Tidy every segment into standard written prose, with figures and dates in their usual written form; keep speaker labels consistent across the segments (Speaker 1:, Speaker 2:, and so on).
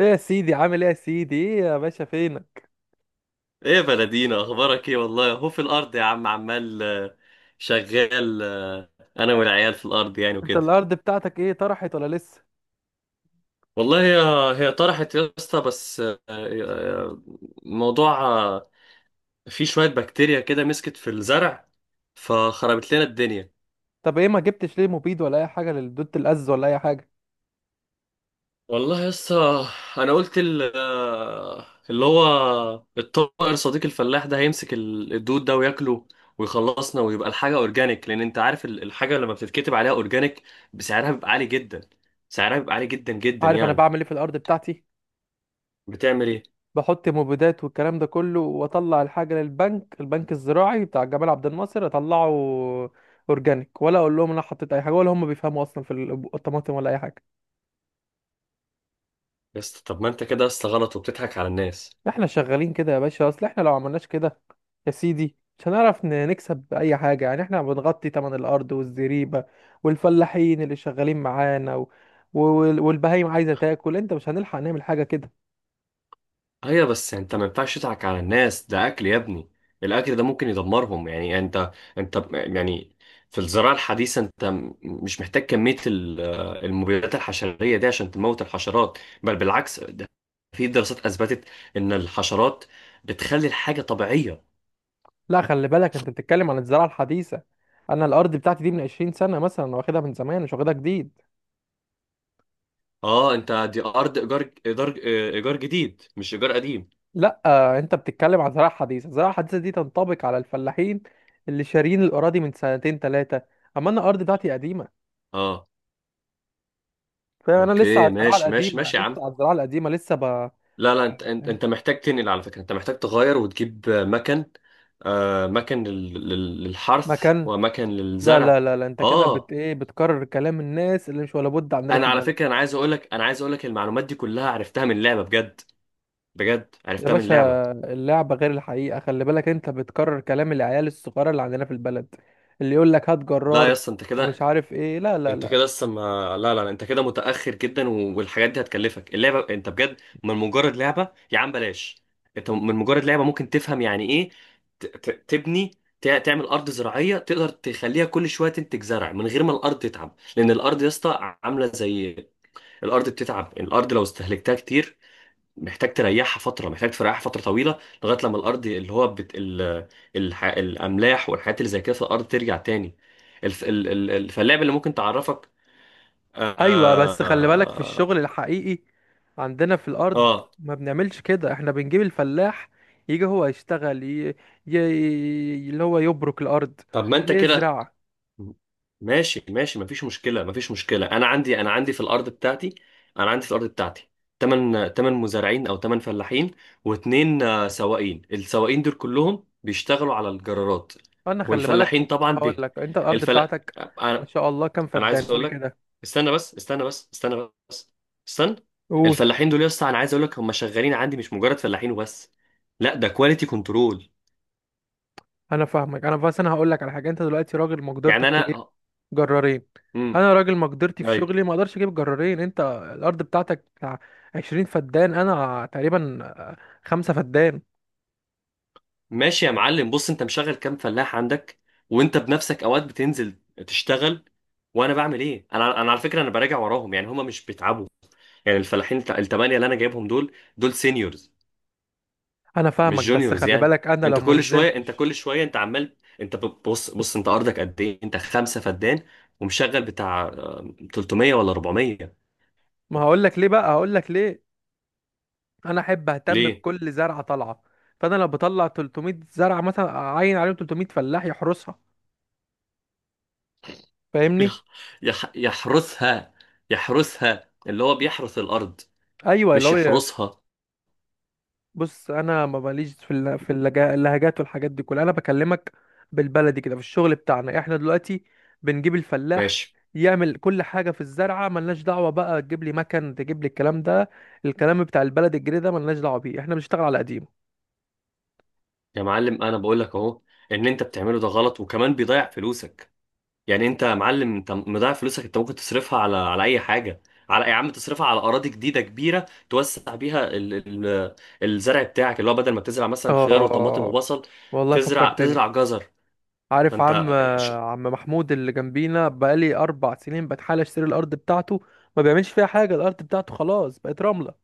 Speaker 1: ايه يا سيدي، عامل ايه يا سيدي؟ ايه يا باشا، فينك؟
Speaker 2: ايه يا بلدينا، اخبارك ايه؟ والله هو في الارض يا عم، عمال شغال. انا والعيال في الارض يعني
Speaker 1: انت
Speaker 2: وكده.
Speaker 1: الارض بتاعتك ايه، طرحت ولا لسه؟
Speaker 2: والله هي طرحت يا اسطى، بس موضوع فيه شوية بكتيريا كده مسكت في الزرع فخربت لنا الدنيا.
Speaker 1: طب ايه ما جبتش ليه مبيد ولا اي حاجه للدود الأز ولا اي حاجه؟
Speaker 2: والله يا اسطى، انا قلت اللي هو الطائر صديق الفلاح ده هيمسك الدود ده وياكله ويخلصنا، ويبقى الحاجه اورجانيك، لان انت عارف الحاجه لما بتتكتب عليها اورجانيك بسعرها بيبقى عالي جدا، سعرها بيبقى عالي جدا جدا
Speaker 1: عارف انا
Speaker 2: يعني.
Speaker 1: بعمل ايه في الارض بتاعتي؟
Speaker 2: بتعمل ايه
Speaker 1: بحط مبيدات والكلام ده كله، واطلع الحاجه للبنك، البنك الزراعي بتاع جمال عبد الناصر، اطلعه اورجانيك. ولا اقول لهم انا حطيت اي حاجه؟ ولا هم بيفهموا اصلا في الطماطم ولا اي حاجه؟
Speaker 2: يا اسطى؟ طب ما انت كده يا اسطى غلط وبتضحك على الناس.
Speaker 1: احنا شغالين كده يا باشا، اصل احنا لو عملناش كده يا سيدي مش هنعرف نكسب اي حاجة، يعني احنا بنغطي تمن الارض والزريبة والفلاحين اللي شغالين معانا والبهايم عايزة تاكل. انت مش هنلحق نعمل حاجة كده.
Speaker 2: ايوه بس انت ما ينفعش تضحك على الناس، ده اكل يا ابني، الاكل ده ممكن يدمرهم. يعني انت يعني في الزراعه الحديثه انت مش محتاج كميه المبيدات الحشريه دي عشان تموت الحشرات، بل بالعكس. ده في دراسات اثبتت ان الحشرات بتخلي الحاجه طبيعيه.
Speaker 1: لا، خلي بالك، انت بتتكلم عن الزراعة الحديثة. انا الارض بتاعتي دي من 20 سنة مثلا، أنا واخدها من زمان مش واخدها جديد.
Speaker 2: اه انت دي ارض ايجار، ايجار ايجار جديد مش ايجار قديم.
Speaker 1: لا انت بتتكلم عن زراعة حديثة. الزراعة الحديثة دي تنطبق على الفلاحين اللي شارين الاراضي من سنتين ثلاثة، اما انا الارض بتاعتي قديمة،
Speaker 2: اه،
Speaker 1: فاهم؟ انا لسه
Speaker 2: اوكي،
Speaker 1: على الزراعه
Speaker 2: ماشي ماشي
Speaker 1: القديمه،
Speaker 2: ماشي
Speaker 1: انا
Speaker 2: يا عم.
Speaker 1: لسه على الزراعه القديمه لسه
Speaker 2: لا، انت محتاج تنقل، على فكرة انت محتاج تغير وتجيب مكن، مكن للحرث
Speaker 1: مكان.
Speaker 2: ومكن
Speaker 1: لا لا
Speaker 2: للزرع.
Speaker 1: لا لا، انت كده بت
Speaker 2: اه،
Speaker 1: ايه، بتكرر كلام الناس اللي مش ولا بد عندنا في
Speaker 2: انا على
Speaker 1: البلد.
Speaker 2: فكرة، انا عايز اقولك، انا عايز اقولك المعلومات دي كلها عرفتها من لعبة، بجد بجد
Speaker 1: يا
Speaker 2: عرفتها من
Speaker 1: باشا،
Speaker 2: لعبة.
Speaker 1: اللعبه غير الحقيقه، خلي بالك انت بتكرر كلام العيال الصغيره اللي عندنا في البلد، اللي يقول لك هات
Speaker 2: لا يا
Speaker 1: جرار
Speaker 2: اسطى، انت
Speaker 1: ومش
Speaker 2: كده،
Speaker 1: عارف ايه. لا لا
Speaker 2: انت
Speaker 1: لا.
Speaker 2: كده لسه ما لا لا لا، انت كده متأخر جدا، والحاجات دي هتكلفك. اللعبة انت بجد، من مجرد لعبة، يا عم بلاش. انت من مجرد لعبة ممكن تفهم يعني ايه تبني، تعمل أرض زراعية تقدر تخليها كل شوية تنتج زرع من غير ما الأرض تتعب، لأن الأرض يا اسطى عاملة زي، الأرض بتتعب، الأرض لو استهلكتها كتير محتاج تريحها فترة، محتاج تريحها فترة طويلة، لغاية لما الأرض اللي هو الأملاح والحاجات اللي زي كده في الأرض ترجع تاني. الف... ال... ال... ال- فاللعبة اللي ممكن تعرفك.
Speaker 1: ايوه، بس خلي بالك في
Speaker 2: آه
Speaker 1: الشغل الحقيقي عندنا في الارض
Speaker 2: آه
Speaker 1: ما بنعملش كده. احنا بنجيب الفلاح يجي هو يشتغل ي... اللي هو يبرك الارض،
Speaker 2: طب ما أنت كده،
Speaker 1: يزرع.
Speaker 2: ماشي مفيش مشكلة، مفيش مشكلة. أنا عندي في الأرض بتاعتي، أنا عندي في الأرض بتاعتي تمن مزارعين أو تمن فلاحين واتنين، سواقين. السواقين دول كلهم بيشتغلوا على الجرارات
Speaker 1: انا خلي بالك،
Speaker 2: والفلاحين طبعا
Speaker 1: هقول
Speaker 2: به
Speaker 1: لك، انت الارض
Speaker 2: الفلا
Speaker 1: بتاعتك، ما
Speaker 2: أنا
Speaker 1: شاء الله، كام
Speaker 2: أنا عايز
Speaker 1: فدان؟
Speaker 2: أقول
Speaker 1: قول
Speaker 2: لك
Speaker 1: كده،
Speaker 2: استنى بس استنى بس استنى بس استنى.
Speaker 1: قول.
Speaker 2: الفلاحين دول يا اسطى، أنا عايز أقول لك، هم شغالين عندي مش مجرد فلاحين وبس، لا ده كواليتي كنترول.
Speaker 1: انا فاهمك، انا بس انا هقول لك على حاجه. انت دلوقتي راجل
Speaker 2: يعني
Speaker 1: مقدرتك تجيب
Speaker 2: أنا
Speaker 1: جرارين، انا راجل مقدرتي في
Speaker 2: ايوه،
Speaker 1: شغلي ما اقدرش اجيب جرارين. انت الارض بتاعتك بتاع 20 فدان، انا تقريبا خمسة فدان.
Speaker 2: ماشي يا معلم. بص، انت مشغل كام فلاح عندك؟ وانت بنفسك اوقات بتنزل تشتغل وانا بعمل ايه؟ انا على فكره انا براجع وراهم، يعني هما مش بيتعبوا، يعني الفلاحين التمانية اللي انا جايبهم دول، دول سينيورز
Speaker 1: انا فاهمك،
Speaker 2: مش
Speaker 1: بس
Speaker 2: جونيورز
Speaker 1: خلي
Speaker 2: يعني.
Speaker 1: بالك انا لو
Speaker 2: انت
Speaker 1: ما
Speaker 2: كل شويه انت
Speaker 1: نزلتش
Speaker 2: كل شويه انت عمال، انت بص، انت ارضك قد ايه؟ انت خمسه فدان ومشغل بتاع 300 ولا 400؟
Speaker 1: ما هقول لك ليه بقى، هقول لك ليه. انا احب اهتم
Speaker 2: ليه؟
Speaker 1: بكل زرعه طالعه، فانا لو بطلع 300 زرعه مثلا اعين عليهم 300 فلاح يحرسها، فاهمني؟
Speaker 2: يح- يحرسها، يحرسها، اللي هو بيحرس الارض،
Speaker 1: ايوه اللي
Speaker 2: مش
Speaker 1: هو.
Speaker 2: يحرسها.
Speaker 1: بص انا ما ماليش في اللهجات والحاجات دي كلها، انا بكلمك بالبلدي كده. في الشغل بتاعنا احنا دلوقتي بنجيب الفلاح
Speaker 2: ماشي
Speaker 1: يعمل كل حاجه في الزرعه، ملناش دعوه بقى تجيب لي مكن، تجيب لي الكلام ده، الكلام بتاع البلد الجديد ده، ملناش دعوه بيه، احنا بنشتغل على قديمه.
Speaker 2: يا معلم، انا بقول لك اهو ان انت بتعمله ده غلط وكمان بيضيع فلوسك. يعني انت يا معلم انت مضيع فلوسك، انت ممكن تصرفها على اي حاجه، على يا عم تصرفها على اراضي جديده كبيره توسع بيها الزرع بتاعك، اللي هو بدل ما تزرع مثلا خيار وطماطم
Speaker 1: اه،
Speaker 2: وبصل،
Speaker 1: والله فكرتني،
Speaker 2: تزرع جزر.
Speaker 1: عارف عم،
Speaker 2: فانت ش-
Speaker 1: عم محمود اللي جنبينا بقالي اربع سنين بتحاول اشتري الارض بتاعته، ما بيعملش فيها حاجه، الارض بتاعته خلاص بقت رمله،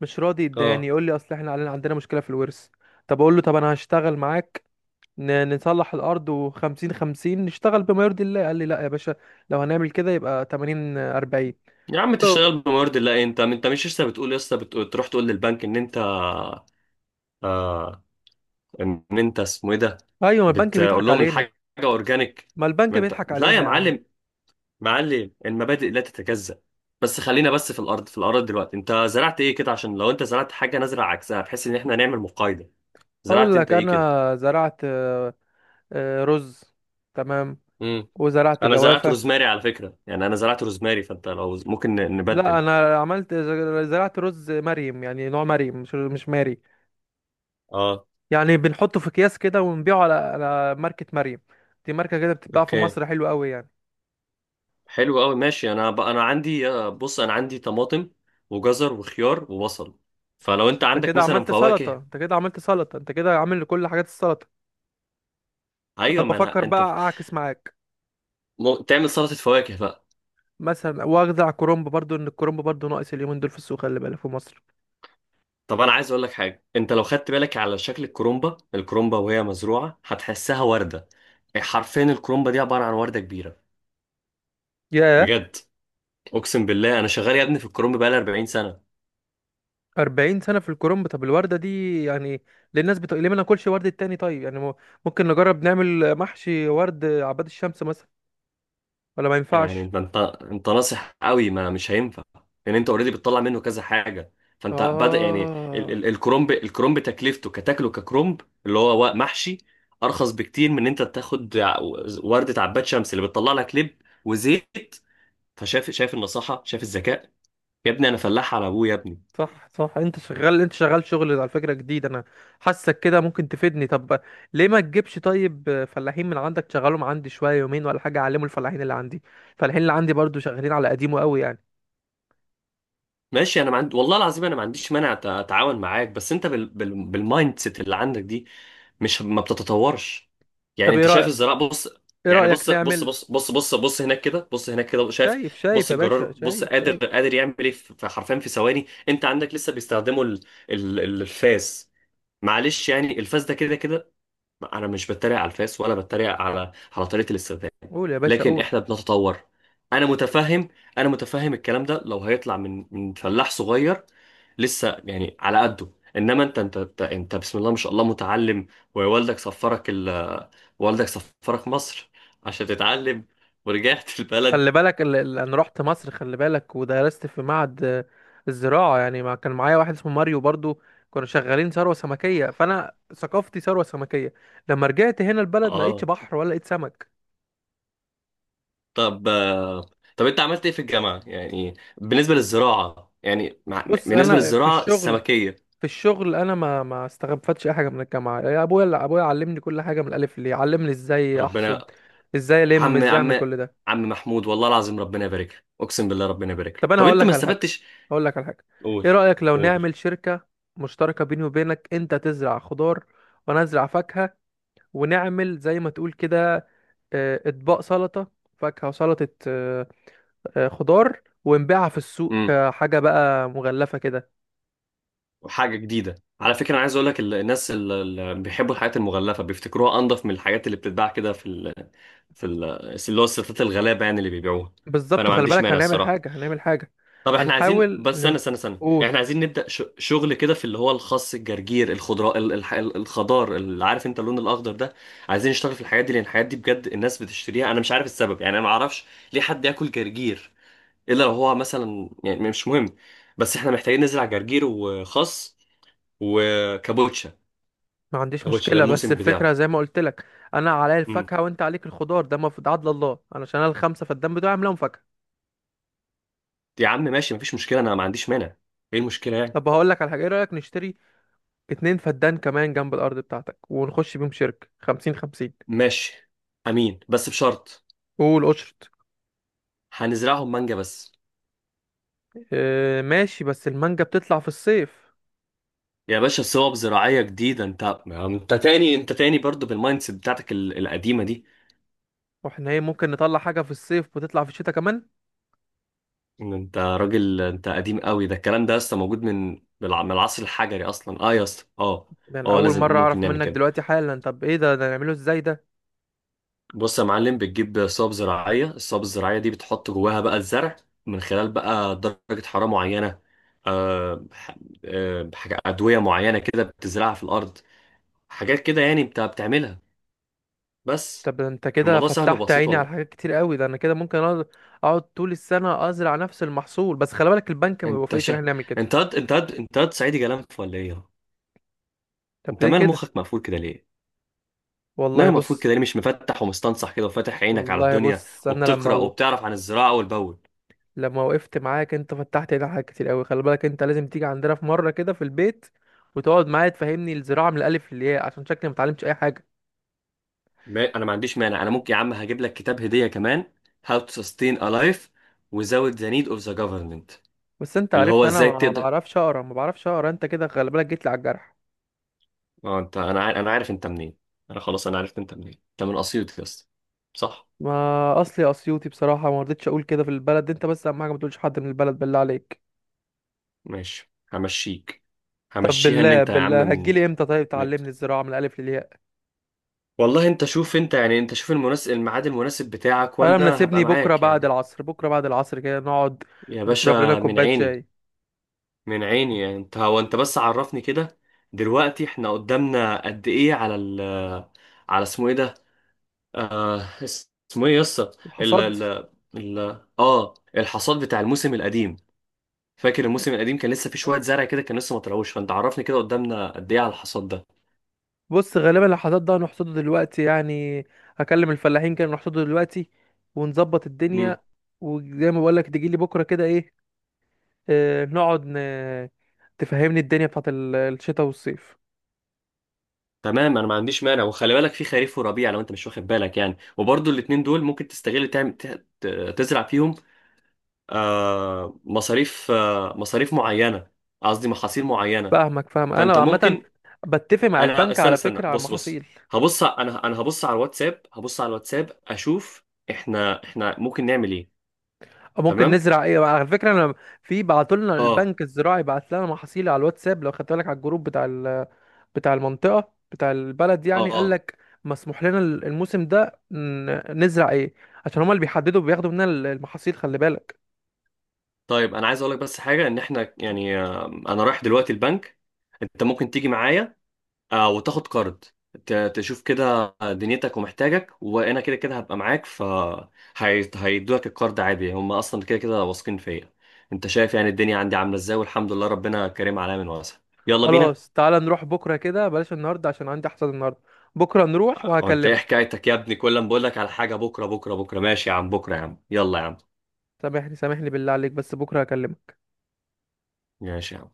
Speaker 1: مش راضي يداني،
Speaker 2: اه
Speaker 1: يقول لي اصل احنا علينا عندنا مشكله في الورث. طب اقول له، طب انا هشتغل معاك، نصلح الارض وخمسين خمسين نشتغل بما يرضي الله. قال لي، لا يا باشا، لو هنعمل كده يبقى تمانين اربعين.
Speaker 2: يا عم تشتغل
Speaker 1: ايوه.
Speaker 2: بموارد الله. انت، انت مش لسه بتقول، لسه بتقول تروح تقول للبنك ان انت آه... ان انت اسمه ايه ده،
Speaker 1: أيوة، ما البنك
Speaker 2: بتقول
Speaker 1: بيضحك
Speaker 2: لهم
Speaker 1: علينا.
Speaker 2: الحاجه اورجانيك.
Speaker 1: ما البنك
Speaker 2: ما انت
Speaker 1: بيضحك
Speaker 2: لا يا
Speaker 1: علينا يا عم.
Speaker 2: معلم، معلم المبادئ لا تتجزأ. بس خلينا بس في الارض، في الارض دلوقتي انت زرعت ايه كده؟ عشان لو انت زرعت حاجه نزرع عكسها، بحيث ان احنا نعمل مقايضه.
Speaker 1: اقول
Speaker 2: زرعت انت
Speaker 1: لك،
Speaker 2: ايه كده؟
Speaker 1: انا زرعت رز، تمام،
Speaker 2: امم
Speaker 1: وزرعت
Speaker 2: انا زرعت
Speaker 1: جوافه.
Speaker 2: روزماري على فكره، يعني انا زرعت روزماري، فانت لو ممكن
Speaker 1: لا،
Speaker 2: نبدل.
Speaker 1: انا عملت، زرعت رز مريم، يعني نوع مريم، مش ماري،
Speaker 2: اه،
Speaker 1: يعني بنحطه في اكياس كده ونبيعه على على ماركة مريم، دي ماركة كده بتتباع في
Speaker 2: اوكي،
Speaker 1: مصر، حلوة قوي يعني.
Speaker 2: حلو قوي، ماشي. انا عندي، بص انا عندي طماطم وجزر وخيار وبصل، فلو انت
Speaker 1: انت
Speaker 2: عندك
Speaker 1: كده
Speaker 2: مثلا
Speaker 1: عملت سلطة،
Speaker 2: فواكه.
Speaker 1: انت كده عملت سلطة، انت كده عامل كل حاجات السلطة. انا
Speaker 2: ايوه، ما
Speaker 1: بفكر
Speaker 2: انا
Speaker 1: بقى
Speaker 2: انت ف-
Speaker 1: اعكس معاك،
Speaker 2: م... تعمل سلطه فواكه.
Speaker 1: مثلا واخدع كرنب برضو، ان الكرنب برضو ناقص اليومين دول في السوق، خلي بالك، في مصر.
Speaker 2: طب انا عايز اقول لك حاجه، انت لو خدت بالك على شكل الكرومبا، الكرومبا وهي مزروعه هتحسها ورده، حرفيا الكرومبا دي عباره عن ورده كبيره،
Speaker 1: ياه،
Speaker 2: بجد. اقسم بالله انا شغال يا ابني في الكرومبا بقالي 40 سنه.
Speaker 1: 40 سنة في الكرنب! طب الوردة دي، يعني ليه الناس بتقول ليه ما ناكلش وردة تاني، طيب يعني ممكن نجرب نعمل محشي ورد عباد الشمس مثلا، ولا ما
Speaker 2: يعني
Speaker 1: ينفعش؟
Speaker 2: انت ناصح قوي، ما مش هينفع، لان انت اوريدي بتطلع منه كذا حاجه، فانت بدا يعني ال
Speaker 1: اه،
Speaker 2: ال الكرومب، الكرومب تكلفته كتاكله ككرومب، اللي هو محشي، ارخص بكتير من ان انت تاخد ورده عباد شمس اللي بتطلع لك لب وزيت. فشايف، شايف النصاحه، شايف الذكاء؟ يا ابني انا فلاح على ابوه يا ابني.
Speaker 1: صح صح، انت شغال، انت شغال شغل على فكرة جديد، انا حاسك كده ممكن تفيدني. طب ليه ما تجيبش طيب فلاحين من عندك تشغلهم عندي شوية، يومين ولا حاجة، اعلموا الفلاحين اللي عندي. الفلاحين اللي عندي برضو شغالين على قديمه قوي يعني.
Speaker 2: ماشي، انا ما عندي، والله العظيم انا ما عنديش مانع اتعاون معاك، بس انت بالمايند سيت اللي عندك دي مش ما بتتطورش. يعني
Speaker 1: طب ايه
Speaker 2: انت شايف
Speaker 1: رأيك،
Speaker 2: الزراعه؟ بص،
Speaker 1: ايه
Speaker 2: يعني
Speaker 1: رأيك
Speaker 2: بص بص
Speaker 1: نعمل؟
Speaker 2: بص بص بص بص هناك كده، بص هناك كده، شايف؟
Speaker 1: شايف؟ شايف
Speaker 2: بص
Speaker 1: يا
Speaker 2: الجرار،
Speaker 1: باشا؟
Speaker 2: بص
Speaker 1: شايف
Speaker 2: قادر،
Speaker 1: شايف.
Speaker 2: قادر يعمل ايه في، في حرفيا في ثواني. انت عندك لسه بيستخدموا الفاس. معلش يعني الفاس ده كده كده، انا مش بتريق على الفاس ولا بتريق على على طريقه الاستخدام،
Speaker 1: قول يا باشا،
Speaker 2: لكن
Speaker 1: قول.
Speaker 2: احنا بنتطور. انا متفهم انا متفهم الكلام ده لو هيطلع من فلاح صغير لسه يعني على قده، انما انت، انت بسم الله ما شاء الله متعلم، ووالدك سفرك ال والدك سفرك مصر عشان تتعلم ورجعت البلد.
Speaker 1: خلي بالك، انا رحت مصر، خلي بالك، ودرست في معهد الزراعة يعني، ما كان معايا واحد اسمه ماريو برضو، كنا شغالين ثروة سمكية، فانا ثقافتي ثروة سمكية. لما رجعت هنا البلد ما لقيتش
Speaker 2: اه،
Speaker 1: بحر ولا لقيت سمك.
Speaker 2: طب طب انت عملت ايه في الجامعة يعني بالنسبة للزراعة، يعني
Speaker 1: بص،
Speaker 2: بالنسبة
Speaker 1: انا في
Speaker 2: للزراعة
Speaker 1: الشغل،
Speaker 2: السمكية؟
Speaker 1: في الشغل، انا ما استغفتش اي حاجه من الجامعه، يا ابويا، ابويا علمني كل حاجه من الالف للياء، علمني ازاي احصد،
Speaker 2: ربنا،
Speaker 1: ازاي الم،
Speaker 2: عم
Speaker 1: ازاي اعمل
Speaker 2: عم
Speaker 1: كل ده.
Speaker 2: عم محمود، والله العظيم ربنا يبارك لك، اقسم بالله ربنا يبارك لك.
Speaker 1: طب انا
Speaker 2: طب
Speaker 1: هقول
Speaker 2: انت ما
Speaker 1: لك على حاجه،
Speaker 2: استفدتش؟
Speaker 1: هقول لك على حاجه،
Speaker 2: قول،
Speaker 1: ايه رايك لو
Speaker 2: قول.
Speaker 1: نعمل شركه مشتركه بيني وبينك، انت تزرع خضار وانا ازرع فاكهه، ونعمل زي ما تقول كده، اطباق سلطه، فاكهه وسلطه، خضار، ونبيعها في السوق
Speaker 2: امم
Speaker 1: كحاجه بقى مغلفه كده.
Speaker 2: وحاجه جديده. على فكره انا عايز اقول لك، الناس اللي بيحبوا الحاجات المغلفه بيفتكروها انضف من الحاجات اللي بتتباع كده في في ال... اللي هو الستات الغلابه يعني اللي بيبيعوها، فانا
Speaker 1: بالظبط،
Speaker 2: ما
Speaker 1: خلي
Speaker 2: عنديش
Speaker 1: بالك،
Speaker 2: مانع
Speaker 1: هنعمل
Speaker 2: الصراحه.
Speaker 1: حاجه، هنعمل حاجه،
Speaker 2: طب احنا عايزين،
Speaker 1: هنحاول
Speaker 2: بس استنى، يعني
Speaker 1: نقول.
Speaker 2: احنا عايزين نبدأ شغل كده في اللي هو الخس، الجرجير، الخضراء، الخضار، اللي عارف انت اللون الاخضر ده. عايزين نشتغل في الحاجات دي، لان الحاجات دي بجد الناس بتشتريها، انا مش عارف السبب يعني، انا ما اعرفش ليه حد ياكل جرجير الا لو هو مثلا، يعني مش مهم، بس احنا محتاجين نزرع جرجير وخس وكابوتشا.
Speaker 1: ما عنديش
Speaker 2: كابوتشا ده
Speaker 1: مشكله، بس
Speaker 2: الموسم
Speaker 1: الفكره
Speaker 2: بتاعه.
Speaker 1: زي ما قلت لك، انا عليا
Speaker 2: امم
Speaker 1: الفاكهه وانت عليك الخضار، ده مفروض عدل الله، علشان انا الخمسه فالدم بتوعي عاملهم فاكهه.
Speaker 2: يا عم ماشي مفيش مشكلة، انا ما عنديش مانع، ايه المشكلة يعني؟
Speaker 1: طب هقول لك على حاجه، ايه رايك نشتري اتنين فدان كمان جنب الارض بتاعتك ونخش بيهم شركه خمسين خمسين؟
Speaker 2: ماشي، امين، بس بشرط.
Speaker 1: قول قشط.
Speaker 2: هنزرعهم مانجا بس.
Speaker 1: اه، ماشي، بس المانجا بتطلع في الصيف،
Speaker 2: يا باشا صوب زراعية جديدة، انت ما انت تاني، انت تاني برضو بالمايند سيت بتاعتك القديمة دي.
Speaker 1: واحنا ايه، ممكن نطلع حاجه في الصيف وتطلع في الشتاء كمان؟
Speaker 2: ان انت راجل، انت قديم قوي، ده الكلام ده لسه موجود من من العصر الحجري اصلا. اه يا اسطى، اه
Speaker 1: ده انا
Speaker 2: اه
Speaker 1: اول
Speaker 2: لازم،
Speaker 1: مره
Speaker 2: ممكن
Speaker 1: اعرف
Speaker 2: نعمل
Speaker 1: منك
Speaker 2: كده.
Speaker 1: دلوقتي حالا، طب ايه ده، ده نعمله ازاي ده؟
Speaker 2: بص يا معلم، بتجيب صوب زراعية، الصوب الزراعية دي بتحط جواها بقى الزرع من خلال بقى درجة حرارة معينة، آه ح- حاجة أدوية معينة كده بتزرعها في الأرض، حاجات كده يعني انت بتعملها بس.
Speaker 1: طب ده انت كده
Speaker 2: الموضوع سهل
Speaker 1: فتحت
Speaker 2: وبسيط
Speaker 1: عيني على
Speaker 2: والله.
Speaker 1: حاجات كتير قوي، ده انا كده ممكن اقعد، أقعد طول السنه ازرع نفس المحصول. بس خلي بالك البنك ما
Speaker 2: انت
Speaker 1: بيوافقش ان
Speaker 2: شا...
Speaker 1: احنا نعمل كده.
Speaker 2: انت هاد صعيدي جلنف ولا ايه؟
Speaker 1: طب
Speaker 2: انت
Speaker 1: ليه
Speaker 2: مال
Speaker 1: كده؟
Speaker 2: مخك مقفول كده ليه؟
Speaker 1: والله
Speaker 2: ماله مقفول
Speaker 1: بص،
Speaker 2: كده ليه؟ مش مفتح ومستنصح كده وفاتح عينك على
Speaker 1: والله
Speaker 2: الدنيا
Speaker 1: بص انا لما،
Speaker 2: وبتقرا وبتعرف عن الزراعه والبول.
Speaker 1: لما وقفت معاك انت فتحت لي حاجات كتير قوي. خلي بالك انت لازم تيجي عندنا في مره كده في البيت وتقعد معايا تفهمني الزراعه من الالف للياء، عشان شكلي ما اتعلمتش اي حاجه.
Speaker 2: ما... انا ما عنديش مانع، انا ممكن يا عم هجيب لك كتاب هديه كمان، How to Sustain a Life Without the Need of the Government،
Speaker 1: بس انت
Speaker 2: اللي
Speaker 1: عرفت
Speaker 2: هو
Speaker 1: انا
Speaker 2: ازاي
Speaker 1: ما
Speaker 2: تقدر.
Speaker 1: بعرفش اقرا، ما بعرفش اقرا، انت كده خلي بالك جيت لي على الجرح.
Speaker 2: اه انت، انا عارف انت منين، انا خلاص انا عرفت انت منين، انت من اسيوط يا اسطى، صح؟
Speaker 1: ما اصلي اسيوطي بصراحه، ما رضيتش اقول كده في البلد، انت بس اهم حاجه ما تقولش حد من البلد بالله عليك.
Speaker 2: ماشي همشيك،
Speaker 1: طب
Speaker 2: همشيها، ان
Speaker 1: بالله،
Speaker 2: انت يا عم.
Speaker 1: بالله،
Speaker 2: من...
Speaker 1: هتجيلي امتى طيب تعلمني الزراعه من الالف للياء؟
Speaker 2: والله انت شوف، انت يعني انت شوف المناسب، الميعاد المناسب بتاعك
Speaker 1: انا
Speaker 2: وانا هبقى
Speaker 1: مناسبني بكره
Speaker 2: معاك
Speaker 1: بعد
Speaker 2: يعني.
Speaker 1: العصر، بكره بعد العصر كده نقعد
Speaker 2: يا
Speaker 1: نشرب لنا
Speaker 2: باشا من
Speaker 1: كوبايه
Speaker 2: عيني،
Speaker 1: شاي.
Speaker 2: من عيني، يعني انت هو، انت بس عرفني كده دلوقتي احنا قدامنا قد ايه على ال، على اسمه ايه ده، آه، اسمه ايه يسطا؟ ال
Speaker 1: الحصاد،
Speaker 2: ال ال اه الحصاد بتاع الموسم القديم، فاكر الموسم القديم كان لسه في شوية زرع كده كان لسه ما طلعوش، فانت عرفني كده قدامنا قد ايه على الحصاد
Speaker 1: بص، غالبا لو حصاد ده هنحصده دلوقتي يعني، هكلم الفلاحين كانوا نحصده دلوقتي ونظبط
Speaker 2: ده.
Speaker 1: الدنيا. وزي ما بقولك تجيلي بكرة كده، ايه، آه نقعد تفهمني الدنيا بتاعت الشتاء والصيف.
Speaker 2: تمام، انا ما عنديش مانع، وخلي بالك في خريف وربيع لو انت مش واخد بالك يعني، وبرضو الاتنين دول ممكن تستغل تعمل تزرع فيهم، مصاريف معينة، قصدي محاصيل معينة.
Speaker 1: فاهمك، فاهم
Speaker 2: فانت
Speaker 1: انا، عامة
Speaker 2: ممكن،
Speaker 1: بتفق مع
Speaker 2: انا
Speaker 1: البنك
Speaker 2: استنى
Speaker 1: على
Speaker 2: استنى
Speaker 1: فكرة على
Speaker 2: بص، بص
Speaker 1: المحاصيل.
Speaker 2: هبص ع- انا انا هبص على الواتساب، هبص على الواتساب اشوف احنا، احنا ممكن نعمل ايه.
Speaker 1: أو ممكن
Speaker 2: تمام،
Speaker 1: نزرع ايه، على فكرة انا في بعتولنا
Speaker 2: اه
Speaker 1: البنك الزراعي بعت لنا محاصيل على الواتساب، لو خدت بالك على الجروب بتاع بتاع المنطقة بتاع البلد
Speaker 2: اه
Speaker 1: يعني، قال
Speaker 2: اه.
Speaker 1: لك مسموح لنا الموسم ده نزرع ايه، عشان هما اللي بيحددوا بياخدوا مننا المحاصيل، خلي بالك.
Speaker 2: طيب انا عايز اقول لك بس حاجة، ان احنا يعني آه انا رايح دلوقتي البنك، انت ممكن تيجي معايا آه وتاخد كارد، تشوف كده دنيتك ومحتاجك، وانا كده كده هبقى معاك، ف هيدوك الكارد عادي، هم اصلا كده كده واثقين فيا، انت شايف يعني الدنيا عندي عامله ازاي، والحمد لله ربنا كريم عليا من واسع. يلا بينا.
Speaker 1: خلاص، تعالى نروح بكرة كده، بلاش النهاردة عشان عندي حصاد النهاردة، بكرة نروح
Speaker 2: وانت ايه
Speaker 1: وهكلمك.
Speaker 2: حكايتك يا ابني؟ كل ما بقول لك على حاجه بكره بكره بكره. ماشي يا عم بكره، يا عم يلا يا عم،
Speaker 1: سامحني، سامحني بالله عليك، بس بكرة هكلمك.
Speaker 2: ماشي يا عم.